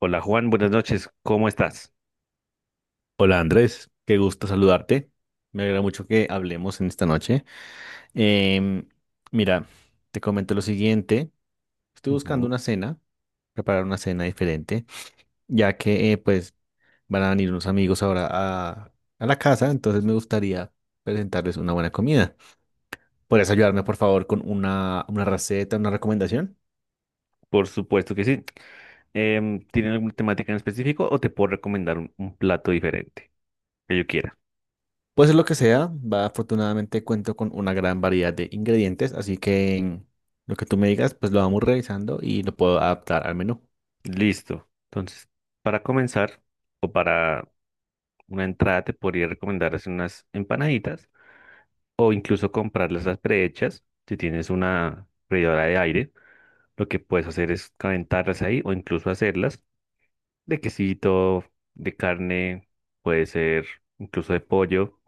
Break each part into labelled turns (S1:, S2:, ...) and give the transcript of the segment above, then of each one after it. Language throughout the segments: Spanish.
S1: Hola Juan, buenas noches, ¿cómo estás?
S2: Hola Andrés, qué gusto saludarte. Me alegra mucho que hablemos en esta noche. Em, mira, te comento lo siguiente. Estoy buscando
S1: Ujú.
S2: una cena, preparar una cena diferente, ya que pues van a venir unos amigos ahora a la casa. Entonces me gustaría presentarles una buena comida. ¿Podrías ayudarme por favor con una receta, una recomendación?
S1: Por supuesto que sí. ¿Tienen alguna temática en específico o te puedo recomendar un plato diferente que yo quiera?
S2: Puede ser lo que sea, va, afortunadamente cuento con una gran variedad de ingredientes, así que lo que tú me digas, pues lo vamos revisando y lo puedo adaptar al menú.
S1: Listo. Entonces, para comenzar o para una entrada te podría recomendar hacer unas empanaditas o incluso comprarlas las prehechas. Si tienes una freidora de aire, lo que puedes hacer es calentarlas ahí o incluso hacerlas de quesito, de carne, puede ser incluso de pollo.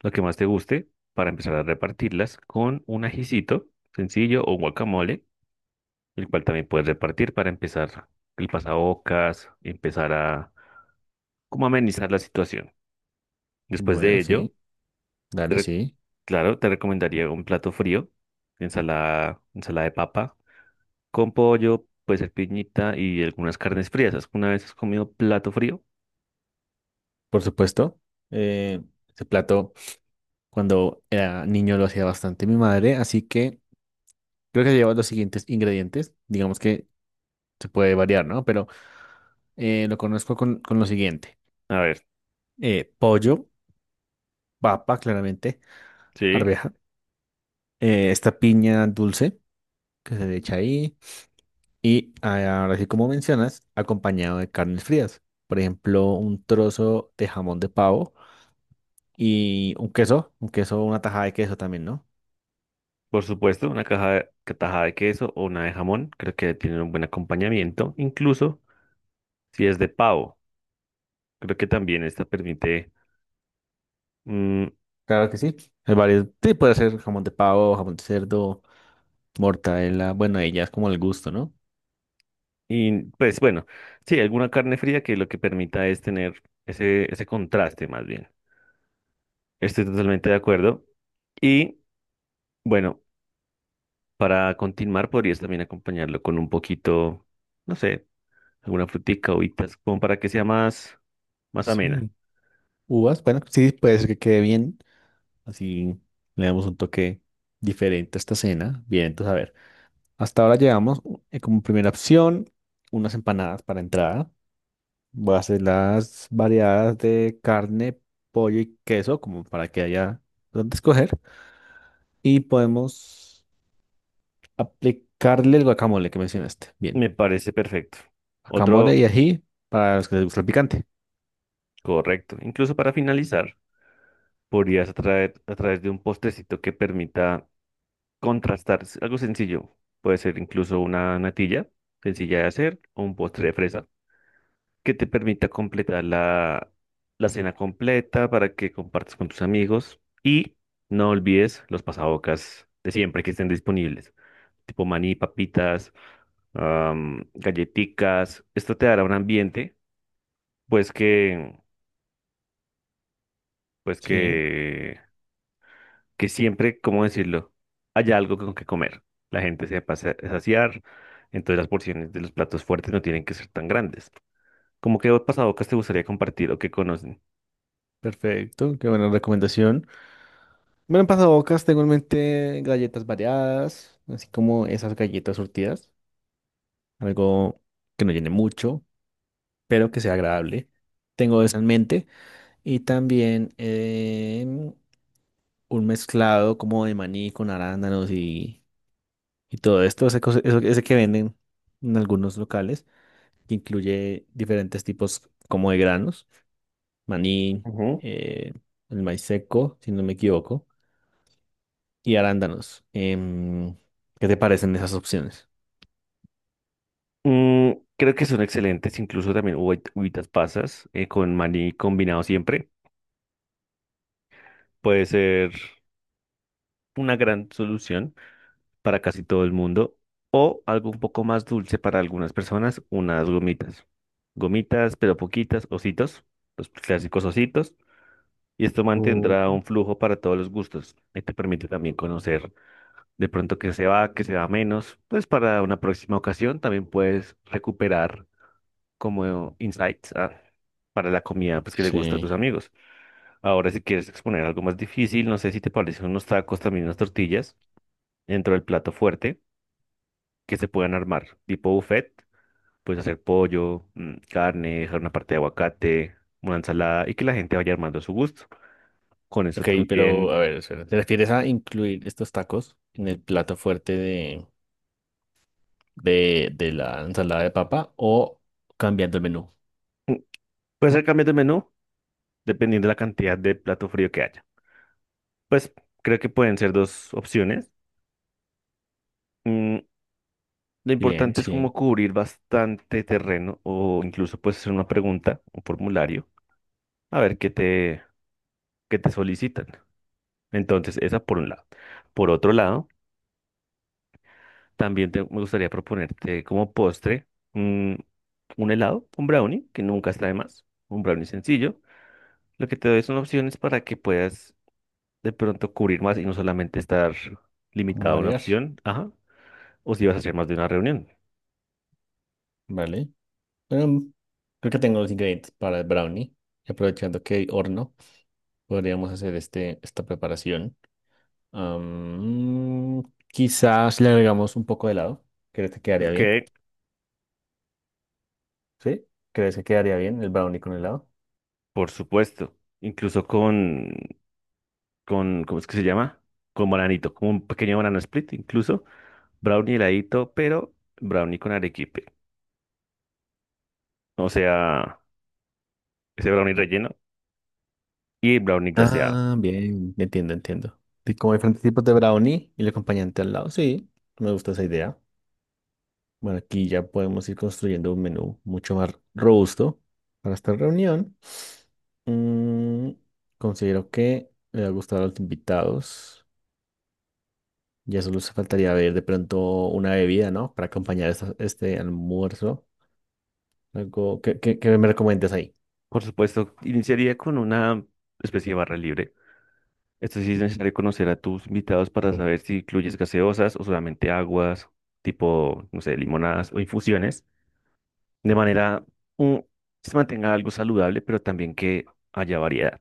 S1: Lo que más te guste para empezar a repartirlas con un ajicito sencillo o guacamole, el cual también puedes repartir para empezar el pasabocas, empezar a como amenizar la situación. Después de
S2: Bueno,
S1: ello,
S2: sí,
S1: te
S2: dale,
S1: re-
S2: sí,
S1: claro, te recomendaría un plato frío, ensalada de papa con pollo, puede ser piñita y algunas carnes frías. ¿Una vez has comido plato frío?
S2: por supuesto. Eh, ese plato cuando era niño lo hacía bastante mi madre, así que creo que lleva los siguientes ingredientes. Digamos que se puede variar, ¿no? Pero lo conozco con lo siguiente.
S1: A ver,
S2: Pollo, papa, claramente,
S1: sí,
S2: arveja, esta piña dulce que se le echa ahí y ah, ahora sí como mencionas, acompañado de carnes frías. Por ejemplo, un trozo de jamón de pavo y un queso, una tajada de queso también, ¿no?
S1: por supuesto, una tajada de queso o una de jamón, creo que tienen un buen acompañamiento. Incluso si es de pavo, creo que también esta permite, mm,
S2: Claro que sí. Hay varios, sí, puede ser jamón de pavo, jamón de cerdo, mortadela, bueno, ahí ya es como el gusto, ¿no?
S1: y pues bueno, sí, alguna carne fría que lo que permita es tener ese contraste más bien. Estoy totalmente de acuerdo. Y bueno, para continuar podrías también acompañarlo con un poquito, no sé, alguna frutica, uvitas, como para que sea más amena.
S2: Sí. Uvas, bueno, sí, puede ser que quede bien. Así le damos un toque diferente a esta cena. Bien, entonces, a ver, hasta ahora llevamos como primera opción unas empanadas para entrada. Voy a hacer las variadas de carne, pollo y queso, como para que haya donde escoger. Y podemos aplicarle el guacamole que mencionaste. Bien.
S1: Me parece perfecto.
S2: Guacamole
S1: Otro
S2: y ají para los que les gusta el picante.
S1: correcto. Incluso para finalizar, podrías atraer a través de un postrecito que permita contrastar, es algo sencillo. Puede ser incluso una natilla sencilla de hacer o un postre de fresa que te permita completar la cena completa para que compartas con tus amigos y no olvides los pasabocas de siempre que estén disponibles, tipo maní, papitas, galleticas. Esto te dará un ambiente pues que pues
S2: Sí.
S1: que que siempre, ¿cómo decirlo? Haya algo con que comer. La gente se pasa a saciar, entonces las porciones de los platos fuertes no tienen que ser tan grandes. ¿Cómo qué pasabocas te gustaría compartir o que conocen?
S2: Perfecto, qué buena recomendación. Bueno, en pasabocas tengo en mente galletas variadas, así como esas galletas surtidas. Algo que no llene mucho, pero que sea agradable. Tengo eso en mente. Y también un mezclado como de maní con arándanos y todo esto, ese que venden en algunos locales, que incluye diferentes tipos como de granos, maní,
S1: Ujú.
S2: eh, el maíz seco, si no me equivoco, y arándanos. ¿Qué te parecen esas opciones?
S1: Mm, Creo que son excelentes, incluso también uvitas pasas con maní combinado siempre. Puede ser una gran solución para casi todo el mundo o algo un poco más dulce para algunas personas, unas gomitas. Gomitas, pero poquitas, ositos, los clásicos ositos. Y esto
S2: O-
S1: mantendrá un flujo para todos los gustos y te permite también conocer de pronto qué se va menos. Pues para una próxima ocasión también puedes recuperar como insights para la comida pues, que le gusta a tus
S2: Sí.
S1: amigos. Ahora si quieres exponer algo más difícil, no sé si te parecen unos tacos, también unas tortillas dentro del plato fuerte que se puedan armar, tipo buffet, puedes hacer pollo, carne, dejar una parte de aguacate, una ensalada y que la gente vaya armando a su gusto. Con eso
S2: Ok, pero
S1: también...
S2: a ver, espera, ¿te refieres a incluir estos tacos en el plato fuerte de la ensalada de papa o cambiando el menú?
S1: Puede ser cambios de menú dependiendo de la cantidad de plato frío que haya. Pues creo que pueden ser dos opciones. Mm, lo
S2: Bien,
S1: importante es
S2: sí.
S1: como cubrir bastante terreno o incluso puedes hacer una pregunta, un formulario, a ver qué te solicitan. Entonces, esa por un lado. Por otro lado, también me gustaría proponerte como postre, mm, un helado, un brownie, que nunca está de más, un brownie sencillo. Lo que te doy son opciones para que puedas de pronto cubrir más y no solamente estar
S2: ¿Cómo
S1: limitado a una
S2: variar?
S1: opción, ajá, o si vas a hacer más de una reunión.
S2: Vale. Em, creo que tengo los ingredientes para el brownie. Y aprovechando que hay horno, podríamos hacer esta preparación. Am, quizás le agregamos un poco de helado. ¿Crees que quedaría
S1: Ok,
S2: bien? ¿Sí? ¿Crees que quedaría bien el brownie con helado?
S1: por supuesto, incluso ¿cómo es que se llama? Con bananito, como un pequeño banana split, incluso brownie heladito, pero brownie con arequipe, o sea, ese brownie relleno y brownie glaseado.
S2: Ah, bien, entiendo, entiendo. Y como hay diferentes tipos de brownie y el acompañante al lado, sí, me gusta esa idea. Bueno, aquí ya podemos ir construyendo un menú mucho más robusto para esta reunión. Mm, considero que le va a gustar a los invitados. Ya solo se faltaría ver de pronto una bebida, ¿no? Para acompañar esta- este almuerzo. Algo que, me recomiendas ahí.
S1: Por supuesto, iniciaría con una especie de barra libre. Esto sí es necesario conocer a tus invitados para saber si incluyes gaseosas o solamente aguas, tipo, no sé, limonadas o infusiones, de manera, mm, que se mantenga algo saludable, pero también que haya variedad.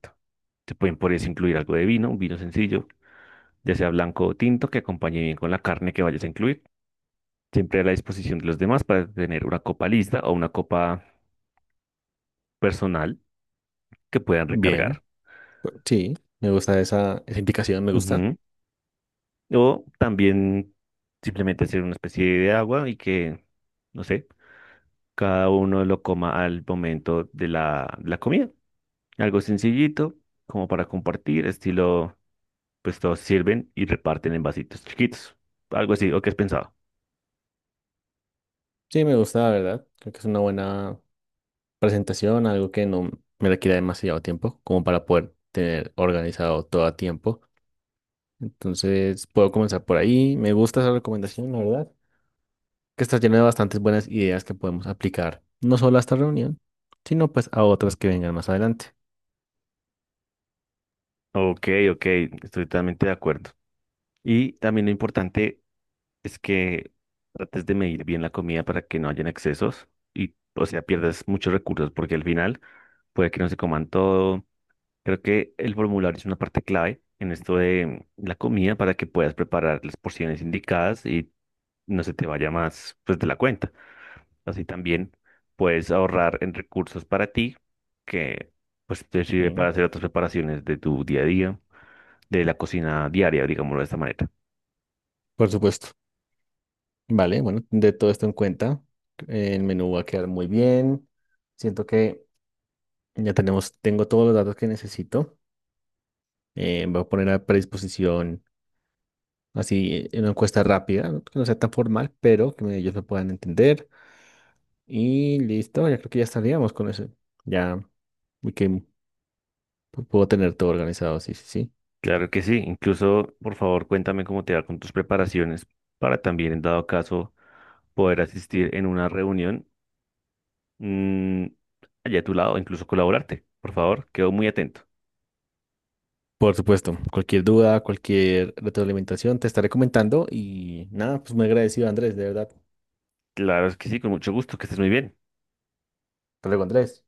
S1: Se pueden por eso incluir algo de vino, un vino sencillo, ya sea blanco o tinto, que acompañe bien con la carne que vayas a incluir. Siempre a la disposición de los demás para tener una copa lista o una copa personal que puedan
S2: Bien,
S1: recargar.
S2: pues, sí, me gusta esa indicación, me gusta.
S1: Ujú. O también simplemente hacer una especie de agua y que, no sé, cada uno lo coma al momento de la comida. Algo sencillito, como para compartir, estilo, pues todos sirven y reparten en vasitos chiquitos. Algo así, ¿o qué has pensado?
S2: Sí, me gusta, la verdad. Creo que es una buena presentación, algo que no me requiera demasiado tiempo, como para poder tener organizado todo a tiempo. Entonces puedo comenzar por ahí. Me gusta esa recomendación, la verdad, que está llena de bastantes buenas ideas que podemos aplicar, no solo a esta reunión, sino pues a otras que vengan más adelante.
S1: Ok, ok, estoy totalmente de acuerdo. Y también lo importante es que trates de medir bien la comida para que no hayan excesos y, o sea, pierdas muchos recursos porque al final puede que no se coman todo. Creo que el formulario es una parte clave en esto de la comida para que puedas preparar las porciones indicadas y no se te vaya más pues de la cuenta. Así también puedes ahorrar en recursos para ti que pues te sirve
S2: Sí,
S1: para hacer otras preparaciones de tu día a día, de la cocina diaria, digámoslo de esta manera.
S2: por supuesto. Vale, bueno, de todo esto en cuenta, el menú va a quedar muy bien. Siento que tengo todos los datos que necesito. Voy a poner a predisposición así una encuesta rápida, ¿no? Que no sea tan formal, pero que ellos me puedan entender. Y listo, ya creo que ya estaríamos con eso. Ya y que puedo tener todo organizado, sí, sí, sí.
S1: Claro que sí, incluso por favor cuéntame cómo te va con tus preparaciones para también en dado caso poder asistir en una reunión, mm, allá a tu lado, incluso colaborarte. Por favor, quedo muy atento.
S2: Por supuesto, cualquier duda, cualquier retroalimentación, te estaré comentando y nada, pues muy agradecido, Andrés, de verdad.
S1: Claro que sí, con mucho gusto, que estés muy bien.
S2: Hasta luego, Andrés.